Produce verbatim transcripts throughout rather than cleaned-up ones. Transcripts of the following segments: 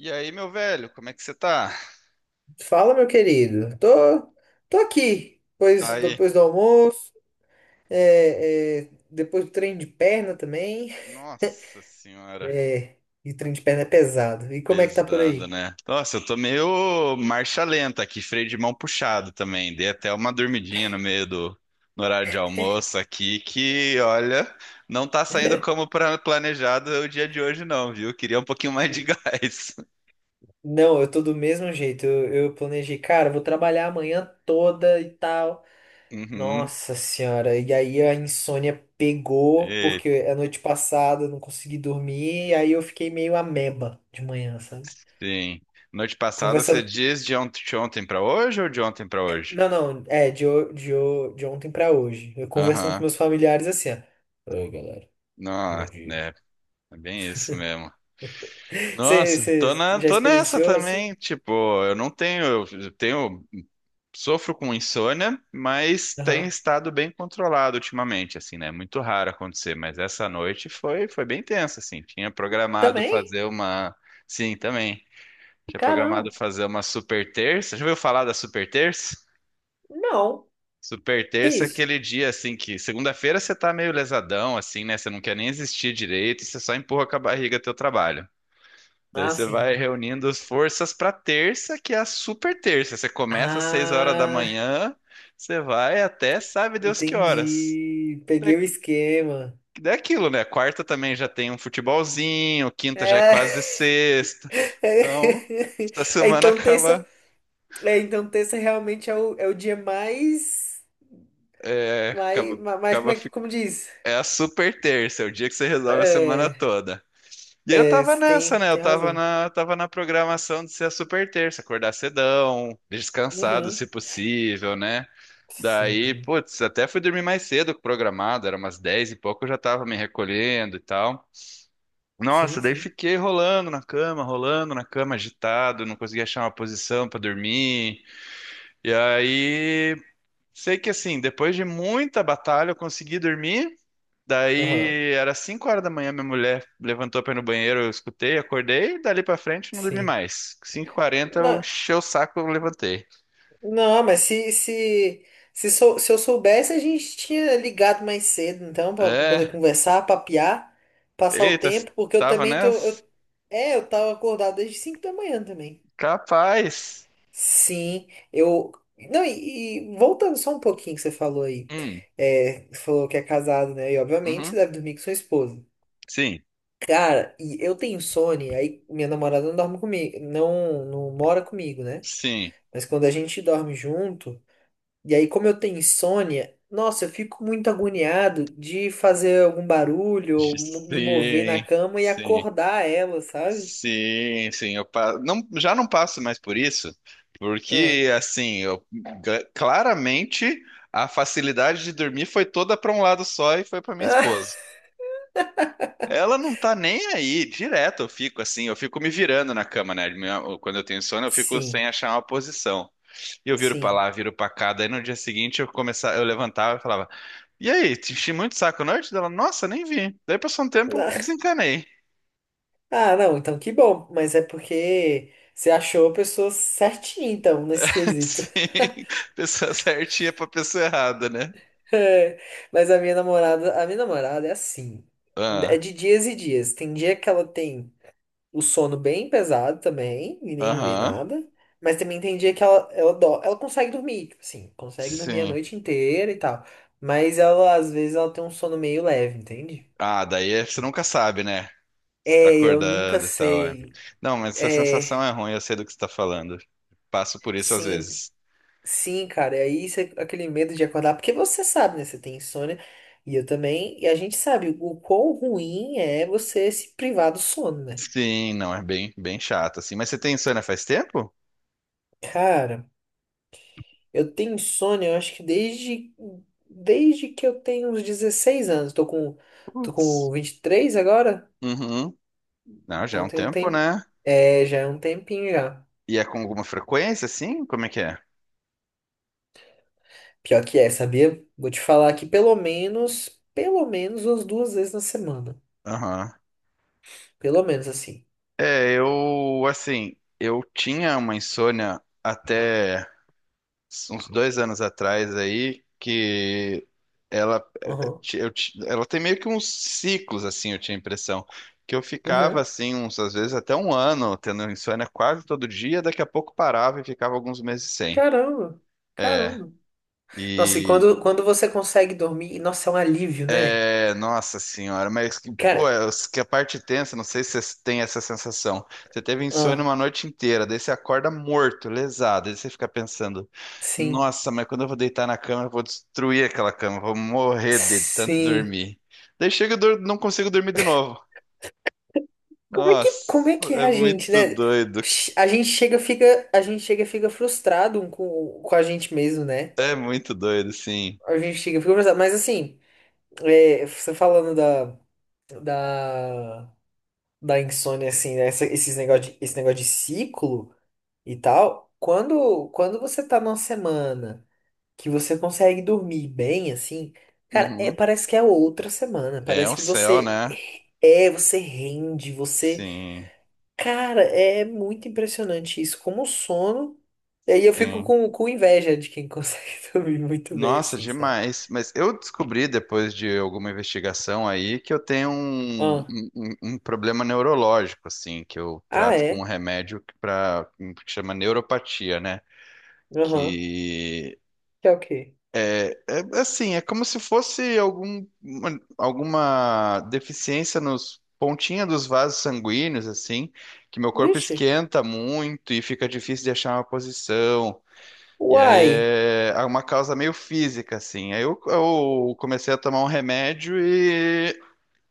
E aí, meu velho, como é que você tá? Fala, meu querido. Tô, tô aqui, Tá pois aí. depois do almoço, é, é, depois do treino de perna também. Nossa senhora, É, e treino de perna é pesado. E como é que tá por pesado, aí? né? Nossa, eu tô meio marcha lenta aqui, freio de mão puxado também. Dei até uma dormidinha no meio do no horário de almoço aqui, que olha, não tá saindo como pra- planejado o dia de hoje, não, viu? Queria um pouquinho mais de gás. Não, eu tô do mesmo jeito. Eu, eu planejei, cara, vou trabalhar amanhã toda e tal. Uhum. Nossa senhora, e aí a insônia pegou, Eita, porque a noite passada eu não consegui dormir, e aí eu fiquei meio ameba de manhã, sabe? sim. Noite passada você Conversando diz de ont- de ontem pra hoje ou de ontem pra hoje? Não, não, é de, ho- de, ho- de ontem pra hoje. Eu conversando com Aham. meus familiares assim, ó. Oi, galera. Não, é, Bom dia. é bem isso mesmo. Você Nossa, tô você na, já tô nessa experienciou assim? também. Tipo, eu não tenho, eu tenho, sofro com insônia, mas tem Aham. estado bem controlado ultimamente, assim, né? É muito raro acontecer, mas essa noite foi, foi bem tensa, assim. Tinha programado Também? fazer uma, sim, também. Tinha programado Caramba. fazer uma super terça. Já ouviu falar da super terça? Não. Super Que terça é isso? aquele dia assim que segunda-feira você tá meio lesadão, assim, né? Você não quer nem existir direito, você só empurra com a barriga teu trabalho. Daí Ah, você sim. vai reunindo as forças para terça, que é a super terça. Você começa às seis horas da Ah, manhã, você vai até sabe Deus que horas. entendi. Daí, Peguei o esquema. daí é aquilo, né? Quarta também já tem um futebolzinho, quinta já é É. quase sexta. Então, essa É, semana Então, terça, acaba, é, então terça realmente é o, é o dia mais, é, mais, acaba, mais, como acaba, é que, fi- como diz? é a super terça, é o dia que você resolve a semana É, toda. E eu é, tava você nessa, tem, né? Eu tem tava razão. na, tava na programação de ser a super terça, acordar cedão, descansado Uhum. se possível, né? Daí, Sim, putz, até fui dormir mais cedo que o programado, era umas dez e pouco, eu já tava me recolhendo e tal. Nossa, sim, daí sim. fiquei rolando na cama, rolando na cama, agitado, não conseguia achar uma posição pra dormir. E aí, sei que assim, depois de muita batalha, eu consegui dormir. Aham, Daí, era cinco horas da manhã, minha mulher levantou pra ir no banheiro, eu escutei, acordei, e dali pra frente eu não dormi sim. mais. cinco e quarenta eu Não, enchi o saco, eu levantei. não, mas se, se, se, sou- se eu soubesse, a gente tinha ligado mais cedo, então, pra, pra É, poder conversar, papiar, passar o eita, tempo, porque eu tava também tô. nessa? Eu, é, eu tava acordado desde cinco da manhã também. Capaz. Sim, eu. Não, e, e voltando só um pouquinho que você falou aí. Hum, É, você falou que é casado, né? E obviamente uhum, deve dormir com sua esposa. sim, Cara, e eu tenho insônia, aí minha namorada não dorme comigo, não, não, mora comigo, né? sim, Mas quando a gente dorme junto, e aí como eu tenho insônia, nossa, eu fico muito agoniado de fazer algum barulho ou mo- me mover na sim, cama e sim, acordar ela, sabe? sim, sim. Eu pa... não, já não passo mais por isso, Ah, porque assim, eu ga- claramente a facilidade de dormir foi toda para um lado só e foi para minha ah, esposa. Ela não tá nem aí, direto eu fico assim, eu fico me virando na cama, né? Minha- Quando eu tenho sono, eu fico sem sim, achar uma posição. E eu viro para sim. lá, viro para cá, daí no dia seguinte eu começava, eu levantava e falava E aí, te enchi muito o saco norte dela? Nossa, nem vi. Daí passou um tempo, eu Ah, desencanei. ah, não, então que bom, mas é porque você achou a pessoa certinha, então, nesse quesito. Sim, pessoa certinha pra pessoa errada, né? É, mas a minha namorada, a minha namorada é assim. É Ah, de dias e dias. Tem dia que ela tem o sono bem pesado também, e nem vê aham, nada. Mas também tem dia que ela, ela, dó- ela consegue dormir, tipo assim, consegue dormir a sim. noite inteira e tal. Mas ela, às vezes, ela tem um sono meio leve, entende? Ah, daí é- você nunca sabe, né? Você tá É, eu nunca acordando e tal. É. sei. Não, mas essa sensação é É, ruim, eu sei do que você tá falando. Passo por isso às sim, vezes. sim, cara. E aí isso é aquele medo de acordar, porque você sabe, né? Você tem insônia, e eu também, e a gente sabe o quão ruim é você se privar do sono, né? Sim, não, é bem, bem chato, assim. Mas você tem insônia faz tempo? Cara. Eu tenho insônia, eu acho que desde, desde que eu tenho uns dezesseis anos. Tô com, tô com Putz. vinte e três agora, Uhum. Não, já é então um tem um tempo, tempo. né? É, já é um tempinho já. E é com alguma frequência, assim? Como é que é? Pior que é, sabia? Vou te falar que pelo menos, pelo menos umas duas vezes na semana. Aham. Pelo menos assim. É, eu, assim, eu tinha uma insônia até uns dois anos atrás aí, que ela, Uhum. ti- eu, ti- ela tem meio que uns ciclos, assim, eu tinha a impressão, que eu ficava, Uhum. assim, uns, às vezes até um ano tendo insônia quase todo dia, daqui a pouco parava e ficava alguns meses sem. Caramba, caramba. Nossa, e quando, quando você consegue dormir, nossa, é um alívio, né? É, nossa senhora, mas que, pô, Cara, é, os- que a parte tensa, não sei se você tem essa sensação. Você teve insônia ah, uma noite inteira, daí você acorda morto, lesado, daí você fica pensando, sim, nossa, mas quando eu vou deitar na cama, eu vou destruir aquela cama, vou morrer de tanto sim. dormir. Daí chega, e dur- não consigo dormir de novo. Como é que, como Nossa, é que é é a gente, muito né? doido. Ch- A gente chega, fica, a gente chega, e fica frustrado um com, com a gente mesmo, né? É muito doido, sim. A gente chega, e fica frustrado. Mas assim, é, você falando da, da, da insônia, assim, né? Essa- Esses negócio de, esse negócio de ciclo e tal. Quando, quando você tá numa semana que você consegue dormir bem, assim, cara, é, Uhum. parece que é outra semana. É Parece o que céu, você né? é, você rende, você. Sim, Cara, é muito impressionante isso, como o sono. E aí eu fico sim. com, com inveja de quem consegue dormir muito bem Nossa, assim, sabe? demais. Mas eu descobri depois de alguma investigação aí que eu tenho um, um- Ah, um- um problema neurológico, assim, que eu ah trato com um é? remédio para que pra- um que chama neuropatia, né? Aham. Que Que é o quê? é é assim, é como se fosse algum, uma- alguma deficiência nos pontinha dos vasos sanguíneos, assim, que meu corpo Vixe. esquenta muito e fica difícil de achar uma posição. E aí Uai. é é uma causa meio física, assim. Aí eu, eu comecei a tomar um remédio e,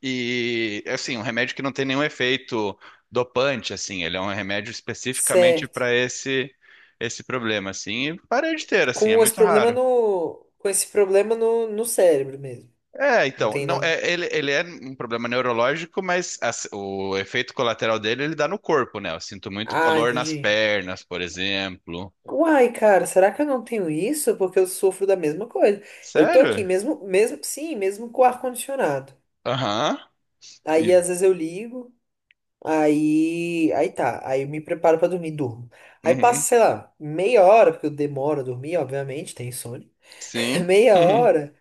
e assim, um remédio que não tem nenhum efeito dopante, assim. Ele é um remédio especificamente Certo. para esse esse problema, assim. E parei de ter, assim, é Com esse muito problema raro. no. Com esse problema no, no cérebro mesmo. É, Não então, tem não, nada. é, ele, ele é um problema neurológico, mas as- o efeito colateral dele ele dá no corpo, né? Eu sinto muito Ah, calor nas entendi. pernas, por exemplo. Uai, cara, será que eu não tenho isso? Porque eu sofro da mesma coisa. Eu tô aqui Sério? mesmo, mesmo, sim, mesmo com o ar-condicionado. Aham. Aí E- às vezes eu ligo. Aí, aí tá, aí eu me preparo pra dormir, durmo. Aí Uhum. passa, sei lá, meia hora, porque eu demoro a dormir, obviamente, tem insônia. Sim. Meia hora,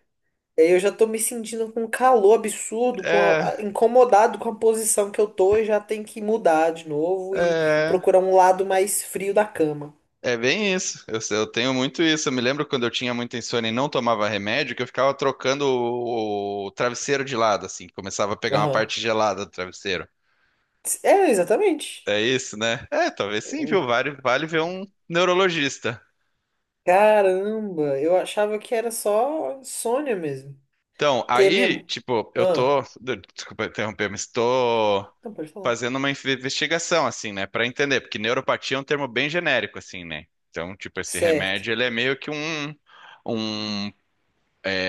aí eu já tô me sentindo com um calor absurdo, com É, a- a- incomodado com a posição que eu tô e já tenho que mudar de novo e é, procurar um lado mais frio da cama. é bem isso. Eu, eu tenho muito isso. Eu me lembro quando eu tinha muita insônia e não tomava remédio, que eu ficava trocando o, o travesseiro de lado, assim, começava a pegar uma Aham. parte gelada do travesseiro. É, exatamente. É isso, né? É, talvez sim, viu? Vale, vale ver um neurologista. Caramba, eu achava que era só insônia mesmo. Então, Que a aí, minha. tipo, eu tô, Ah, desculpa interromper, mas tô não pode falar. fazendo uma investigação, assim, né, pra entender, porque neuropatia é um termo bem genérico, assim, né? Então, tipo, esse Certo, remédio, ele é meio que um, um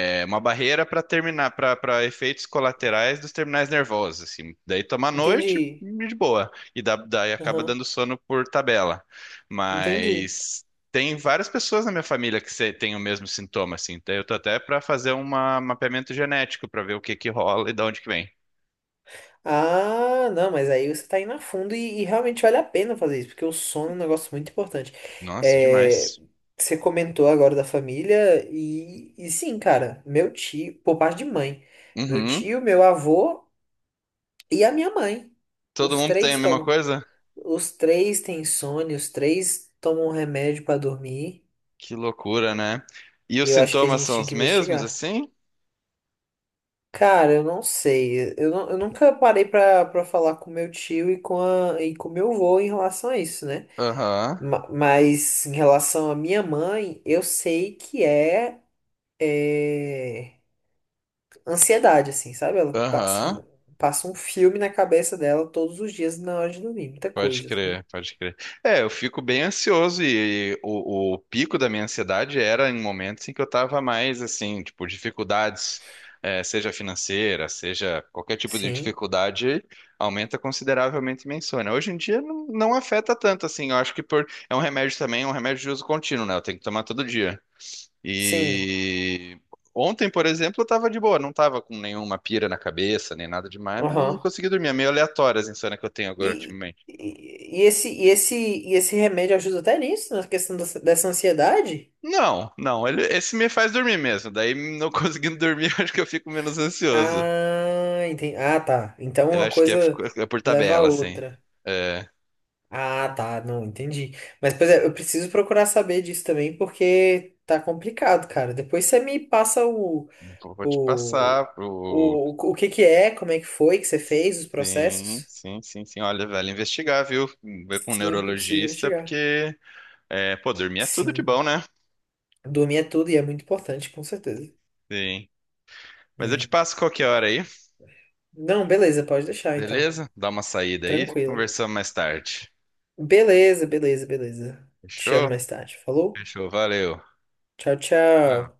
é uma barreira para terminar, para efeitos colaterais dos terminais nervosos, assim. Daí toma à noite entendi. e de boa. E dá, daí acaba Aham. dando sono por tabela. Entendi. Mas tem várias pessoas na minha família que se- têm o mesmo sintoma, assim. Daí eu tô até para fazer um mapeamento genético para ver o que que rola e de onde que vem. Ah, não, mas aí você tá indo a fundo e, e realmente vale a pena fazer isso, porque o sono é um negócio muito importante. Nossa, É, demais. você comentou agora da família, e, e sim, cara, meu tio, por parte de mãe, meu Uhum. tio, meu avô e a minha mãe. Todo Os mundo tem a três mesma tomam. coisa? Os três têm insônia, os três tomam remédio pra dormir. Que loucura, né? E os E eu acho que a sintomas gente são tinha os que mesmos, investigar. assim? Cara, eu não sei. Eu, nu- eu nunca parei pra, pra falar com meu tio e com a, e com meu avô em relação a isso, né? Aham, Ma- Mas em relação à minha mãe, eu sei que é, é, ansiedade, assim, sabe? Ela passa, aham. um, passa um filme na cabeça dela todos os dias na hora de dormir, muita Pode coisa, sabe? crer, pode crer. É, eu fico bem ansioso e, o, o pico da minha ansiedade era em momentos em que eu tava mais assim, tipo, dificuldades, eh, seja financeira, seja qualquer tipo de Sim, dificuldade, aumenta consideravelmente minha insônia. Hoje em dia não, não afeta tanto assim, eu acho que por, é um remédio também, é um remédio de uso contínuo, né? Eu tenho que tomar todo dia. sim, E ontem, por exemplo, eu tava de boa, não tava com nenhuma pira na cabeça, nem nada demais, mas não aham. consegui dormir. É meio aleatório as insônia que eu tenho agora, E, e, e esse, e, esse, e esse remédio ajuda até nisso, na questão dessa dessa ansiedade? Não, não, ele- esse me faz dormir mesmo. Daí, não conseguindo dormir, eu acho que eu fico menos ansioso. Ah, entendi. Ah, tá. Então Eu uma acho que é, coisa por é por leva a tabela, assim. outra. É, Ah, tá. Não, entendi. Mas, pois é, eu preciso procurar saber disso também, porque tá complicado, cara. Depois você me passa o, vou te o, passar pro. o, o que que é, como é que foi que você fez, os Sim, processos. sim, sim, sim. Olha, vale investigar, viu? Ver com um Sim, porque eu preciso neurologista, investigar. porque, é, pô, dormir é tudo de Sim. bom, né? Dormir é tudo e é muito importante, com certeza. Sim. Mas eu te É. passo qualquer hora aí, Não, beleza, pode deixar então. beleza? Dá uma saída aí, Tranquilo. conversamos mais tarde. Beleza, beleza, beleza. Te chamo Fechou? mais tarde. Falou? Fechou, valeu. Tchau, Ah. tchau.